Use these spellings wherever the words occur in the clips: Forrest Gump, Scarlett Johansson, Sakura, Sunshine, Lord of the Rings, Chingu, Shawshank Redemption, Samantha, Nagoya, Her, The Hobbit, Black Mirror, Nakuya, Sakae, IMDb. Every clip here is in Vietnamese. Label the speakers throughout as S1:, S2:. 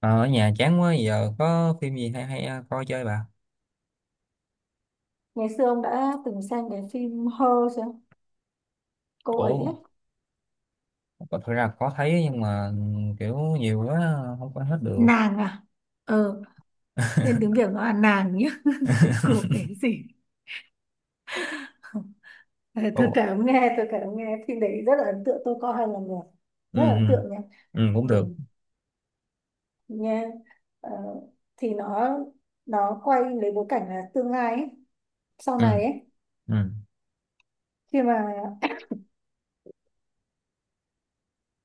S1: Ờ, Ở nhà chán quá, giờ có phim gì hay hay coi chơi bà.
S2: Ngày xưa ông đã từng xem cái phim Her chưa? Cô ấy
S1: Ủa,
S2: ấy.
S1: thực ra có thấy nhưng mà kiểu nhiều quá không có hết được.
S2: Nàng à? ờ Tên tiếng Việt nó là nàng nhá. Của cái gì? Ờ,
S1: Ủa.
S2: tôi kể ông nghe phim đấy rất là ấn tượng, tôi coi hai lần rồi,
S1: ừ,
S2: rất là ấn
S1: ừ,
S2: tượng nha.
S1: ừ cũng
S2: Ừ,
S1: được.
S2: nha. Ờ, thì nó quay lấy bối cảnh là tương lai ấy. Sau
S1: Ừ.
S2: này ấy,
S1: Ừ.
S2: khi mà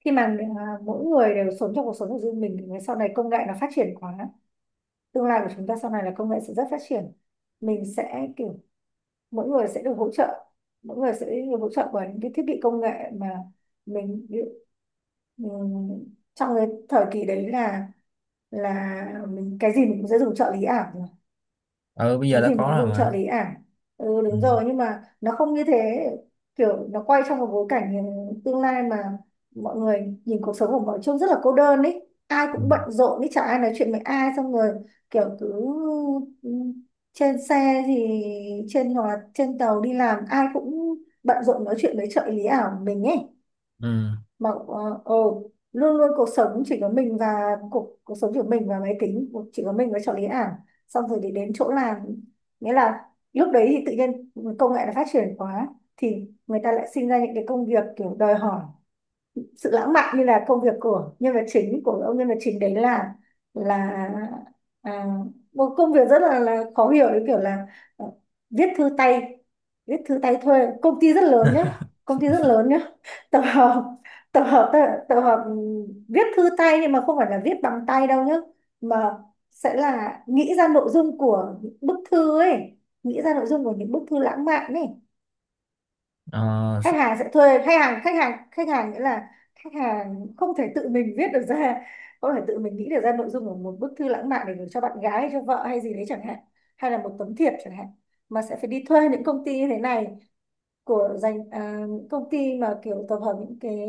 S2: khi mà mỗi người đều sống trong cuộc sống của riêng mình, thì sau này công nghệ nó phát triển quá, tương lai của chúng ta sau này là công nghệ sẽ rất phát triển. Mình sẽ kiểu, mỗi người sẽ được hỗ trợ mỗi người sẽ được hỗ trợ bởi những cái thiết bị công nghệ mà mình, mình trong cái thời kỳ đấy là, mình cái gì mình cũng sẽ dùng trợ lý ảo,
S1: Ừ, bây giờ
S2: cái
S1: đã
S2: gì
S1: có
S2: mình cũng
S1: rồi
S2: dùng trợ
S1: mà.
S2: lý ảo. Ừ,
S1: Ừ.
S2: đúng rồi, nhưng mà nó không như thế. Kiểu nó quay trong một bối cảnh tương lai mà mọi người nhìn cuộc sống của mọi trông rất là cô đơn ấy, ai
S1: Ừ.
S2: cũng bận rộn ấy, chả ai nói chuyện với ai. Xong rồi kiểu cứ ừ, trên xe thì, hoặc là trên tàu đi làm ai cũng bận rộn nói chuyện với trợ lý ảo của mình ấy.
S1: Ừ.
S2: Mà luôn luôn cuộc sống chỉ có mình và, cuộc cuộc sống chỉ có mình và máy tính, chỉ có mình với trợ lý ảo. Xong rồi thì đến chỗ làm, nghĩa là lúc đấy thì tự nhiên công nghệ nó phát triển quá, thì người ta lại sinh ra những cái công việc kiểu đòi hỏi sự lãng mạn, như là công việc của nhân vật chính của ông. Nhân vật chính đấy là, là à, một công việc rất là khó hiểu đấy, kiểu là ờ, viết thư tay. Viết thư tay thuê, công ty rất lớn nhá, công ty rất lớn nhá. Tập hợp, tập hợp, viết thư tay nhưng mà không phải là viết bằng tay đâu nhá, mà sẽ là nghĩ ra nội dung của những bức thư ấy, nghĩ ra nội dung của những bức thư lãng mạn ấy.
S1: Ờ.
S2: Khách hàng sẽ thuê, khách hàng, nghĩa là khách hàng không thể tự mình viết được ra, không thể tự mình nghĩ được ra nội dung của một bức thư lãng mạn để gửi cho bạn gái hay cho vợ hay gì đấy chẳng hạn, hay là một tấm thiệp chẳng hạn, mà sẽ phải đi thuê những công ty như thế này. Những công ty mà kiểu tập hợp những cái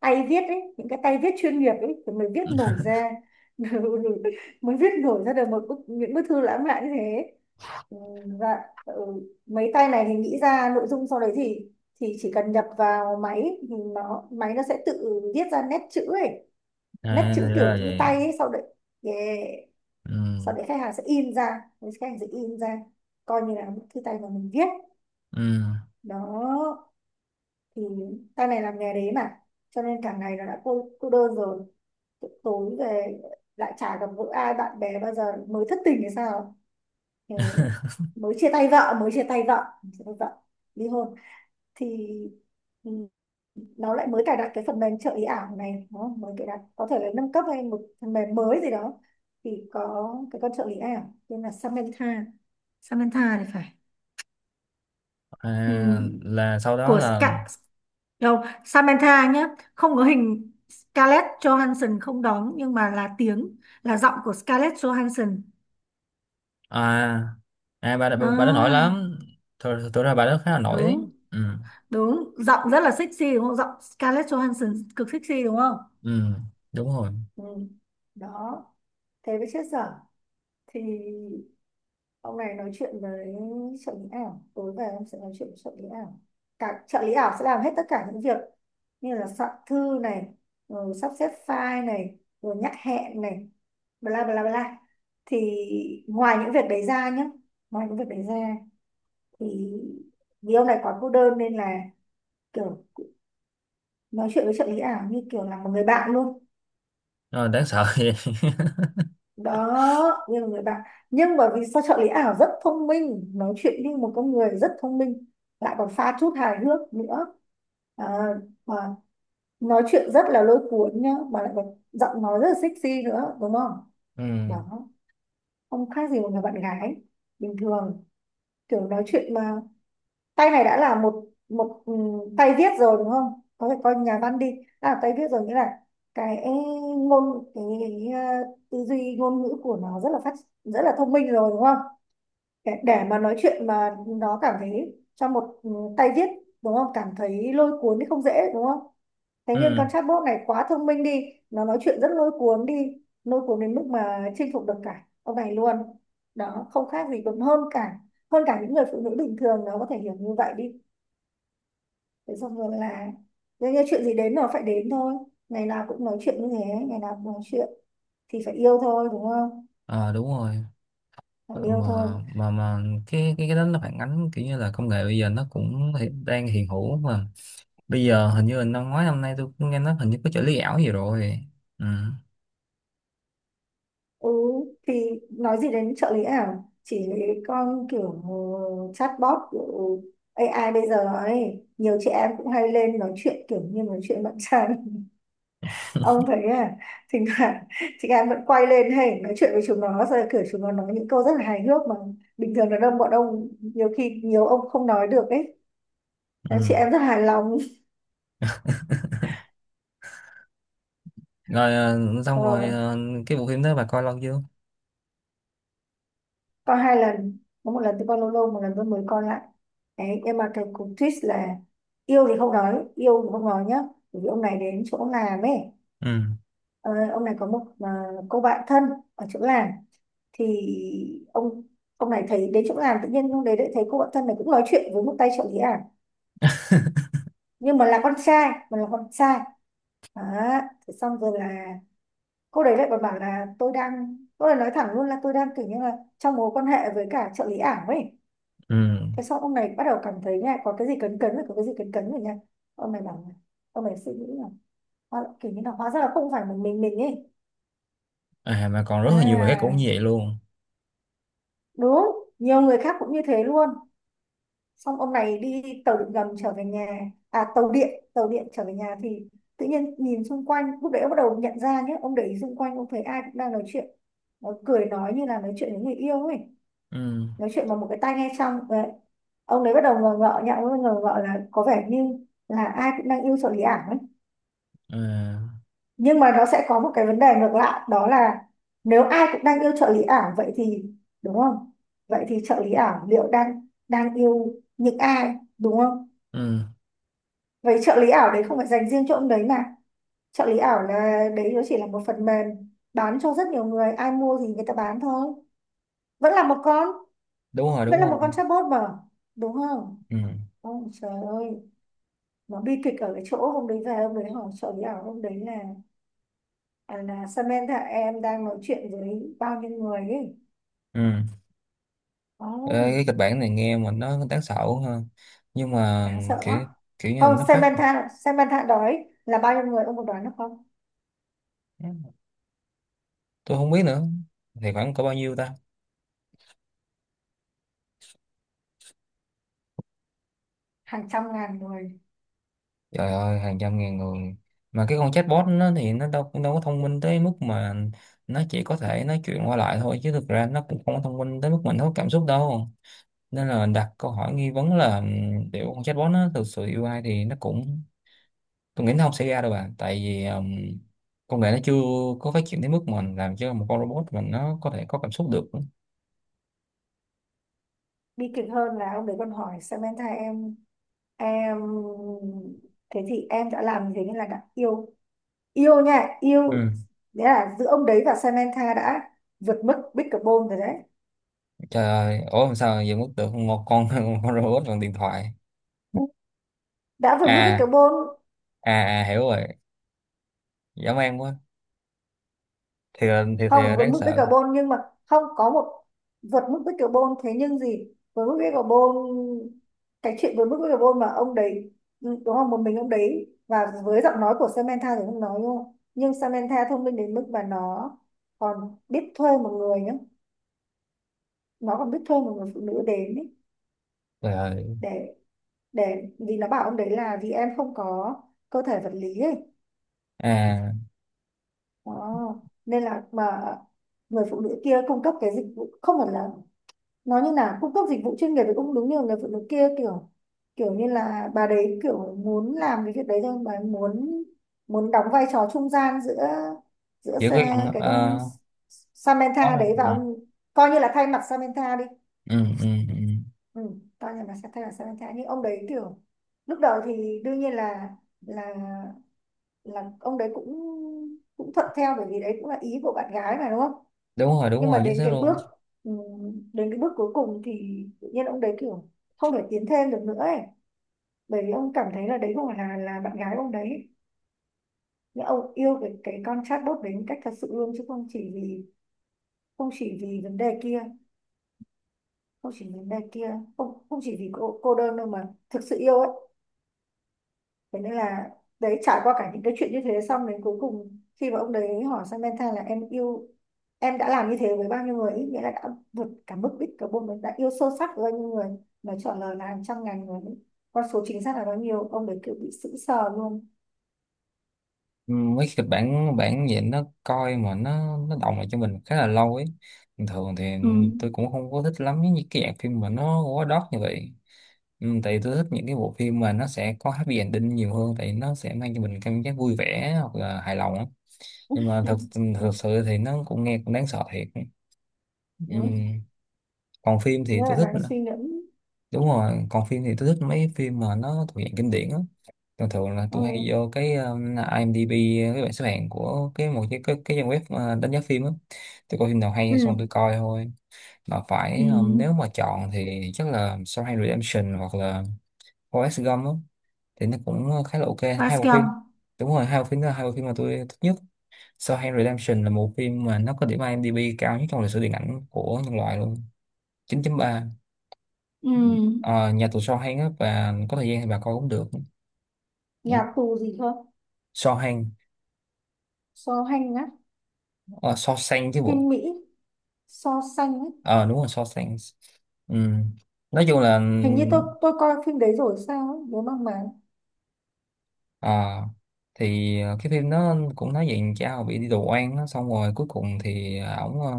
S2: tay viết ấy, những cái tay viết chuyên nghiệp ấy thì mới viết nổi ra. Mới viết nổi ra được một bức, những bức thư lãng mạn như thế. Ừ, và ừ, mấy tay này thì nghĩ ra nội dung, sau đấy thì, chỉ cần nhập vào máy, thì máy nó sẽ tự viết ra nét chữ ấy, nét
S1: À,
S2: chữ kiểu
S1: ra
S2: như
S1: vậy.
S2: tay ấy. Sau đấy, yeah.
S1: Ừ.
S2: Sau đấy khách hàng sẽ in ra, khách hàng sẽ in ra, coi như là bức thư tay mà mình viết.
S1: Ừ.
S2: Đó, thì sau này làm nghề đấy mà, cho nên cả ngày nó đã cô đơn rồi. Tối về lại chả gặp gỡ ai bạn bè bao giờ, mới thất tình hay sao. Thì mới chia tay vợ, mới chia tay vợ, chia tay vợ, ly hôn. Thì ừ, nó lại mới cài đặt cái phần mềm trợ ý ảo này, đúng, mới cài đặt có thể là nâng cấp hay một phần mềm mới gì đó. Thì có cái con trợ lý ảo tên là Samantha, Samantha thì phải. Ừ.
S1: À, là sau đó
S2: Của
S1: là
S2: Skype. Đâu, Samantha nhé, không có hình, Scarlett Johansson không đóng nhưng mà là tiếng, là giọng của Scarlett Johansson.
S1: à. À bà đã nổi
S2: À,
S1: lắm. Thật ra bà đó khá là nổi đấy.
S2: đúng,
S1: Ừ.
S2: đúng, giọng rất là sexy đúng không? Giọng Scarlett Johansson cực sexy đúng không?
S1: Ừ, đúng rồi.
S2: Ừ. Đó, thế với chết dở. Thì ông này nói chuyện với trợ lý ảo, tối về em sẽ nói chuyện với trợ lý ảo. Cả trợ lý ảo sẽ làm hết tất cả những việc như là soạn thư này, rồi sắp xếp file này, rồi nhắc hẹn này, bla bla bla. Thì ngoài những việc đấy ra nhé, ngoài những việc đấy ra thì, vì ông này quá cô đơn nên là kiểu nói chuyện với trợ lý ảo như kiểu là một người bạn luôn.
S1: Ờ, đáng sợ vậy.
S2: Đó, như là người bạn, nhưng mà vì sao trợ lý ảo rất thông minh, nói chuyện như một con người rất thông minh, lại còn pha chút hài hước nữa, à, mà nói chuyện rất là lôi cuốn nhá, mà lại còn giọng nói rất là sexy nữa đúng không?
S1: Ừ.
S2: Đó, không khác gì một người bạn gái bình thường. Kiểu nói chuyện mà, tay này đã là một, một tay viết rồi đúng không, có thể coi nhà văn đi, đã là tay viết rồi, nghĩa là cái, ngôn cái, ờ, tư duy ngôn ngữ của nó rất là phát, rất là thông minh rồi đúng không? Để mà nói chuyện mà nó cảm thấy cho một, tay viết, đúng không, cảm thấy lôi cuốn thì không dễ đúng không? Thế
S1: Ừ.
S2: nhưng con chatbot này quá thông minh đi, nó nói chuyện rất lôi cuốn đi, lôi cuốn đến mức mà chinh phục được cả ông này luôn. Đó, không khác gì, còn hơn cả, hơn cả những người phụ nữ bình thường, nó có thể hiểu như vậy đi. Thế xong rồi là đương nhiên chuyện gì đến nó phải đến thôi. Ngày nào cũng nói chuyện như thế, ngày nào cũng nói chuyện thì phải yêu thôi đúng không,
S1: Ờ, đúng rồi.
S2: phải
S1: Ờ,
S2: yêu thôi.
S1: mà, mà cái đó nó phản ánh kiểu như là công nghệ bây giờ nó cũng đang hiện hữu mà. Bây giờ hình như là năm ngoái năm nay tôi cũng nghe nói hình như có trợ lý ảo gì rồi. Ừ.
S2: Ừ, thì nói gì đến trợ lý ảo, chỉ lấy con kiểu chatbot kiểu AI bây giờ ấy, nhiều chị em cũng hay lên nói chuyện kiểu như nói chuyện bạn trai. Ông thấy à? Thỉnh thoảng chị em vẫn quay lên hay nói chuyện với chúng nó rồi, kiểu chúng nó nói những câu rất là hài hước mà bình thường là đông bọn ông nhiều khi, nhiều ông không nói được ấy. Đấy, chị
S1: Ừ.
S2: em rất hài lòng.
S1: Rồi xong rồi
S2: Ờ,
S1: cái bộ phim đó bà coi lâu chưa?
S2: có hai lần, có một lần tôi coi lâu lâu, một lần tôi mới coi lại đấy. Nhưng mà cái cú twist là, yêu thì không nói, yêu thì không nói nhá. Bởi vì ông này đến chỗ làm ấy,
S1: Ừ.
S2: ờ, ông này có một, cô bạn thân ở chỗ làm. Thì ông ông này thấy đến chỗ làm tự nhiên ông đấy lại thấy cô bạn thân này cũng nói chuyện với một tay trợ lý ảo, nhưng mà là con trai, mà là con trai. Đó, thế xong rồi là cô đấy lại còn bảo là tôi đang, cô ấy nói thẳng luôn là tôi đang kiểu như là trong mối quan hệ với cả trợ lý ảo ấy.
S1: Ừ.
S2: Thế xong ông này bắt đầu cảm thấy nha, có cái gì cấn cấn rồi, có cái gì cấn cấn rồi nha. Ông này bảo là, ông này suy nghĩ là, kiểu như là hóa ra là không phải một mình ấy.
S1: À mà còn rất là nhiều bài khác cũng
S2: À,
S1: như vậy luôn.
S2: đúng, nhiều người khác cũng như thế luôn. Xong ông này đi tàu điện ngầm trở về nhà, à tàu điện, tàu điện trở về nhà. Thì tự nhiên nhìn xung quanh lúc đấy ông bắt đầu nhận ra nhé, ông để ý xung quanh ông thấy ai cũng đang nói chuyện, nó cười nói như là nói chuyện với người yêu ấy,
S1: Ừ.
S2: nói chuyện bằng một cái tai nghe trong. Ông đấy bắt đầu ngờ ngợ nhá, ông ấy ngờ ngợ là có vẻ như là ai cũng đang yêu trợ lý ảo ấy.
S1: À.
S2: Nhưng mà nó sẽ có một cái vấn đề ngược lại, đó là nếu ai cũng đang yêu trợ lý ảo vậy thì, đúng không, vậy thì trợ lý ảo liệu đang đang yêu những ai, đúng không?
S1: Ừ.
S2: Vậy trợ lý ảo đấy không phải dành riêng cho ông đấy mà, trợ lý ảo là đấy, nó chỉ là một phần mềm bán cho rất nhiều người, ai mua thì người ta bán thôi, vẫn là một con,
S1: Đúng rồi, đúng
S2: vẫn là một
S1: rồi.
S2: con chatbot mà, đúng không?
S1: Ừ.
S2: Ôi trời ơi, nó bi kịch ở cái chỗ hôm đấy về, hôm đấy hỏi trợ lý ảo hôm đấy là, là Samantha em đang nói chuyện với bao nhiêu người ấy.
S1: Ừ. Ờ,
S2: Oh,
S1: cái kịch bản này nghe mà nó đáng sợ ha. Nhưng mà
S2: đáng sợ quá.
S1: kiểu, kiểu như là
S2: Không,
S1: nó phát.
S2: Samantha, đói là bao nhiêu người ông có đoán được không?
S1: Tôi không biết nữa, thì khoảng có bao nhiêu ta?
S2: Hàng trăm ngàn người.
S1: Trời ơi, hàng trăm ngàn người! Mà cái con chatbot nó thì nó đâu cũng đâu có thông minh tới mức mà, nó chỉ có thể nói chuyện qua lại thôi, chứ thực ra nó cũng không có thông minh tới mức mình có cảm xúc đâu. Nên là đặt câu hỏi nghi vấn là liệu con chatbot nó thực sự yêu ai thì nó cũng, tôi nghĩ nó không xảy ra đâu bạn, tại vì công nghệ nó chưa có phát triển tới mức mà làm cho một con robot, mình nó có thể có cảm xúc được.
S2: Bi kịch hơn là ông đấy còn hỏi Samantha, em thế thì em đã làm gì, như nên là đã yêu, yêu nha, yêu.
S1: Ừ.
S2: Đấy là giữa ông đấy và Samantha đã vượt mức Bicarbonate rồi đấy,
S1: Trời ơi, ủa làm sao giờ mất được một con một con robot bằng điện thoại.
S2: đã vượt mức
S1: À.
S2: Bicarbonate.
S1: À. À, hiểu rồi. Dã man quá. Thiệt thiệt
S2: Không,
S1: là
S2: với
S1: đáng
S2: mức bích
S1: sợ.
S2: carbon nhưng mà không có một, vượt mức bích carbon, thế nhưng gì với mức bích carbon, cái chuyện với mức bích carbon mà ông đấy, đúng không, một mình ông đấy và với giọng nói của Samantha thì không nói đúng không, nhưng Samantha thông minh đến mức mà nó còn biết thuê một người nhá, nó còn biết thuê một người phụ nữ đến ý,
S1: Trời ơi.
S2: để, vì nó bảo ông đấy là vì em không có cơ thể vật lý ấy.
S1: À,
S2: Đó, nên là mà người phụ nữ kia cung cấp cái dịch vụ, không phải là nó như là cung cấp dịch vụ chuyên nghiệp, với cũng đúng, như người phụ nữ kia kiểu, kiểu như là bà đấy kiểu muốn làm cái việc đấy thôi, bà ấy muốn, muốn đóng vai trò trung gian giữa, giữa
S1: giữ cái con
S2: Cái con
S1: có
S2: Samantha đấy
S1: đâu.
S2: và
S1: Ừ.
S2: ông, coi như là thay mặt Samantha đi,
S1: Ừ, ừ, ừ.
S2: ừ, coi như là sẽ thay mặt Samantha. Nhưng ông đấy kiểu lúc đầu thì đương nhiên là, là là ông đấy cũng, cũng thuận theo bởi vì đấy cũng là ý của bạn gái mà đúng không.
S1: Đúng
S2: Nhưng mà
S1: rồi, chính
S2: đến
S1: xác
S2: cái
S1: luôn.
S2: bước, ừ, đến cái bước cuối cùng thì tự nhiên ông đấy kiểu không thể tiến thêm được nữa ấy, bởi vì ông cảm thấy là đấy không phải là bạn gái ông đấy. Nhưng ông yêu cái con chatbot đấy một cách thật sự luôn, chứ không chỉ vì, không chỉ vì vấn đề kia, không chỉ vấn đề kia, không, không chỉ vì cô đơn đâu mà thực sự yêu ấy. Thế nên là đấy, trải qua cả những cái chuyện như thế xong, đến cuối cùng khi mà ông đấy hỏi Samantha là em yêu, em đã làm như thế với bao nhiêu người, ý nghĩa là đã vượt cả mức đích cả bôn, mình đã yêu sâu sắc với bao nhiêu người, mà trả lời là hàng trăm ngàn người, con số chính xác là bao nhiêu, ông đấy kiểu bị sững sờ luôn.
S1: Ừ, mấy kịch bản bản vậy nó coi mà nó đọng lại cho mình khá là lâu ấy. Bình thường thì
S2: Ừ.
S1: tôi cũng không có thích lắm những cái dạng phim mà nó quá đót như vậy. Ừ, tại vì tôi thích những cái bộ phim mà nó sẽ có happy ending nhiều hơn, tại nó sẽ mang cho mình cảm giác vui vẻ hoặc là hài lòng á. Nhưng mà thật thật sự thì nó cũng nghe cũng đáng sợ thiệt. Ừ.
S2: Ừ.
S1: Còn phim thì
S2: Nghĩa là
S1: tôi thích,
S2: đang suy ngẫm.
S1: đúng rồi, còn phim thì tôi thích mấy phim mà nó thuộc dạng kinh điển á. Thường thường là
S2: Ừ.
S1: tôi hay vô cái IMDb, cái bảng xếp hạng của cái một cái cái trang web đánh giá phim á. Tôi coi phim nào hay
S2: Ừ.
S1: xong tôi coi thôi. Mà
S2: Ừ.
S1: phải nếu mà chọn thì chắc là Shawshank Redemption hoặc là Forrest Gump á. Thì nó cũng khá là ok hai bộ phim,
S2: Bascom.
S1: đúng rồi, hai bộ phim đó là hai bộ phim mà tôi thích nhất. Shawshank Redemption là một phim mà nó có điểm IMDb cao nhất trong lịch sử điện ảnh của nhân loại luôn, 9.3.
S2: Ừ.
S1: Ờ, nhà tù Shawshank á, và có thời gian thì bà coi cũng được.
S2: Nhà tù gì cơ?
S1: Shawshank.
S2: So hành á?
S1: Uh, Shawshank chứ bộ.
S2: Phim Mỹ. So sánh á?
S1: Ờ đúng rồi, so sánh. Ừ. Nói chung là
S2: Hình như tôi coi phim đấy rồi sao ấy, nhớ mang máng.
S1: ờ, thì cái phim nó cũng nói về cha hồi bị đi tù oan á, xong rồi cuối cùng thì ổng ờ,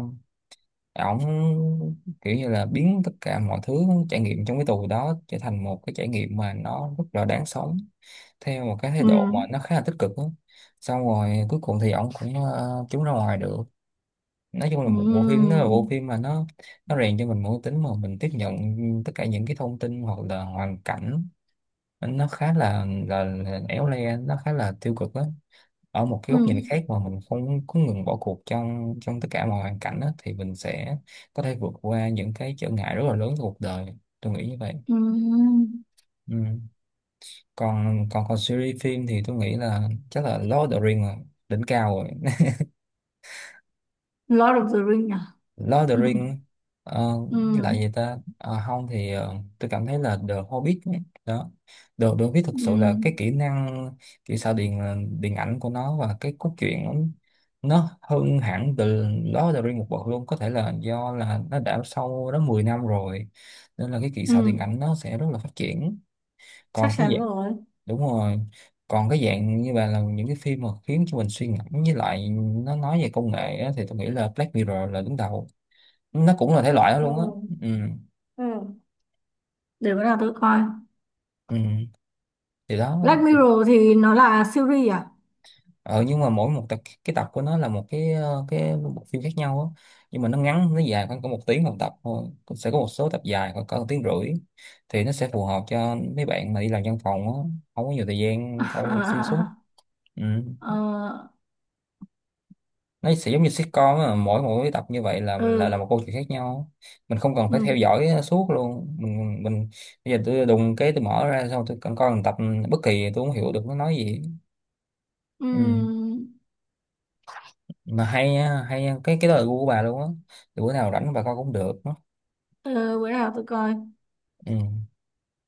S1: ổng kiểu như là biến tất cả mọi thứ trải nghiệm trong cái tù đó trở thành một cái trải nghiệm mà nó rất là đáng sống, theo một cái thái
S2: Ừ.
S1: độ mà nó khá là tích cực á. Xong rồi cuối cùng thì ổng cũng trốn ra ngoài được. Nói chung là
S2: Ừ.
S1: một bộ phim, nó là bộ phim mà nó rèn cho mình một cái tính mà mình tiếp nhận tất cả những cái thông tin hoặc là hoàn cảnh nó khá là là éo le, nó khá là tiêu cực đó, ở một cái góc nhìn
S2: Ừ.
S1: khác mà mình không có ngừng bỏ cuộc trong trong tất cả mọi hoàn cảnh á, thì mình sẽ có thể vượt qua những cái trở ngại rất là lớn trong cuộc đời. Tôi nghĩ như vậy.
S2: Ừ.
S1: Ừ. còn còn còn series phim thì tôi nghĩ là chắc là Lord of the Rings là đỉnh cao rồi.
S2: Lord of the Ring à?
S1: Lord of the
S2: Ừ.
S1: Ring. Ờ,
S2: Ừ.
S1: với lại gì ta. Ờ, không thì tôi cảm thấy là The Hobbit ấy. Đó. The Hobbit
S2: Ừ.
S1: thực sự là cái kỹ năng, kỹ xảo điện, điện ảnh của nó và cái cốt truyện nó hơn hẳn từ Lord of the Ring một bậc luôn. Có thể là do là nó đã sau đó 10 năm rồi, nên là cái kỹ xảo điện
S2: Ừ.
S1: ảnh nó sẽ rất là phát triển. Còn
S2: Chắc
S1: cái
S2: chắn
S1: dạng,
S2: rồi.
S1: đúng rồi, còn cái dạng như vậy là những cái phim mà khiến cho mình suy ngẫm, với lại nó nói về công nghệ á, thì tôi nghĩ là Black Mirror là đứng đầu. Nó cũng là thể loại đó
S2: Ừ.
S1: luôn á. Ừ.
S2: Ừ. Để bữa nào tôi coi.
S1: Ừ. Thì đó.
S2: Black Mirror thì nó là series à?
S1: Ờ, nhưng mà mỗi một tập, cái tập của nó là một cái cái bộ phim khác nhau á. Nhưng mà nó ngắn, nó dài khoảng có một tiếng một tập thôi. Cũng sẽ có một số tập dài khoảng cỡ một tiếng rưỡi. Thì nó sẽ phù hợp cho mấy bạn mà đi làm văn phòng á, không có nhiều thời gian coi xuyên suốt.
S2: À,
S1: Ừ.
S2: Ờ,
S1: Nó sẽ giống như sitcom á, mỗi mỗi tập như vậy là là
S2: ừ.
S1: một câu chuyện khác nhau. Mình không cần phải
S2: Ừ.
S1: theo dõi suốt luôn. Mình bây giờ tôi đùng cái tôi mở ra xong tôi cần coi một tập bất kỳ, tôi không hiểu được nó nói gì. Ừ.
S2: Ừ.
S1: Mà hay á, hay á. Cái đó là gu của bà luôn á, thì bữa nào rảnh bà coi cũng được á.
S2: Ừ. Ừ, bữa nào tôi coi.
S1: Ừ.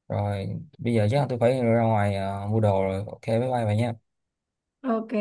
S1: Rồi, bây giờ chắc là tôi phải ra ngoài mua đồ rồi, ok bye bye bà nha.
S2: Ok.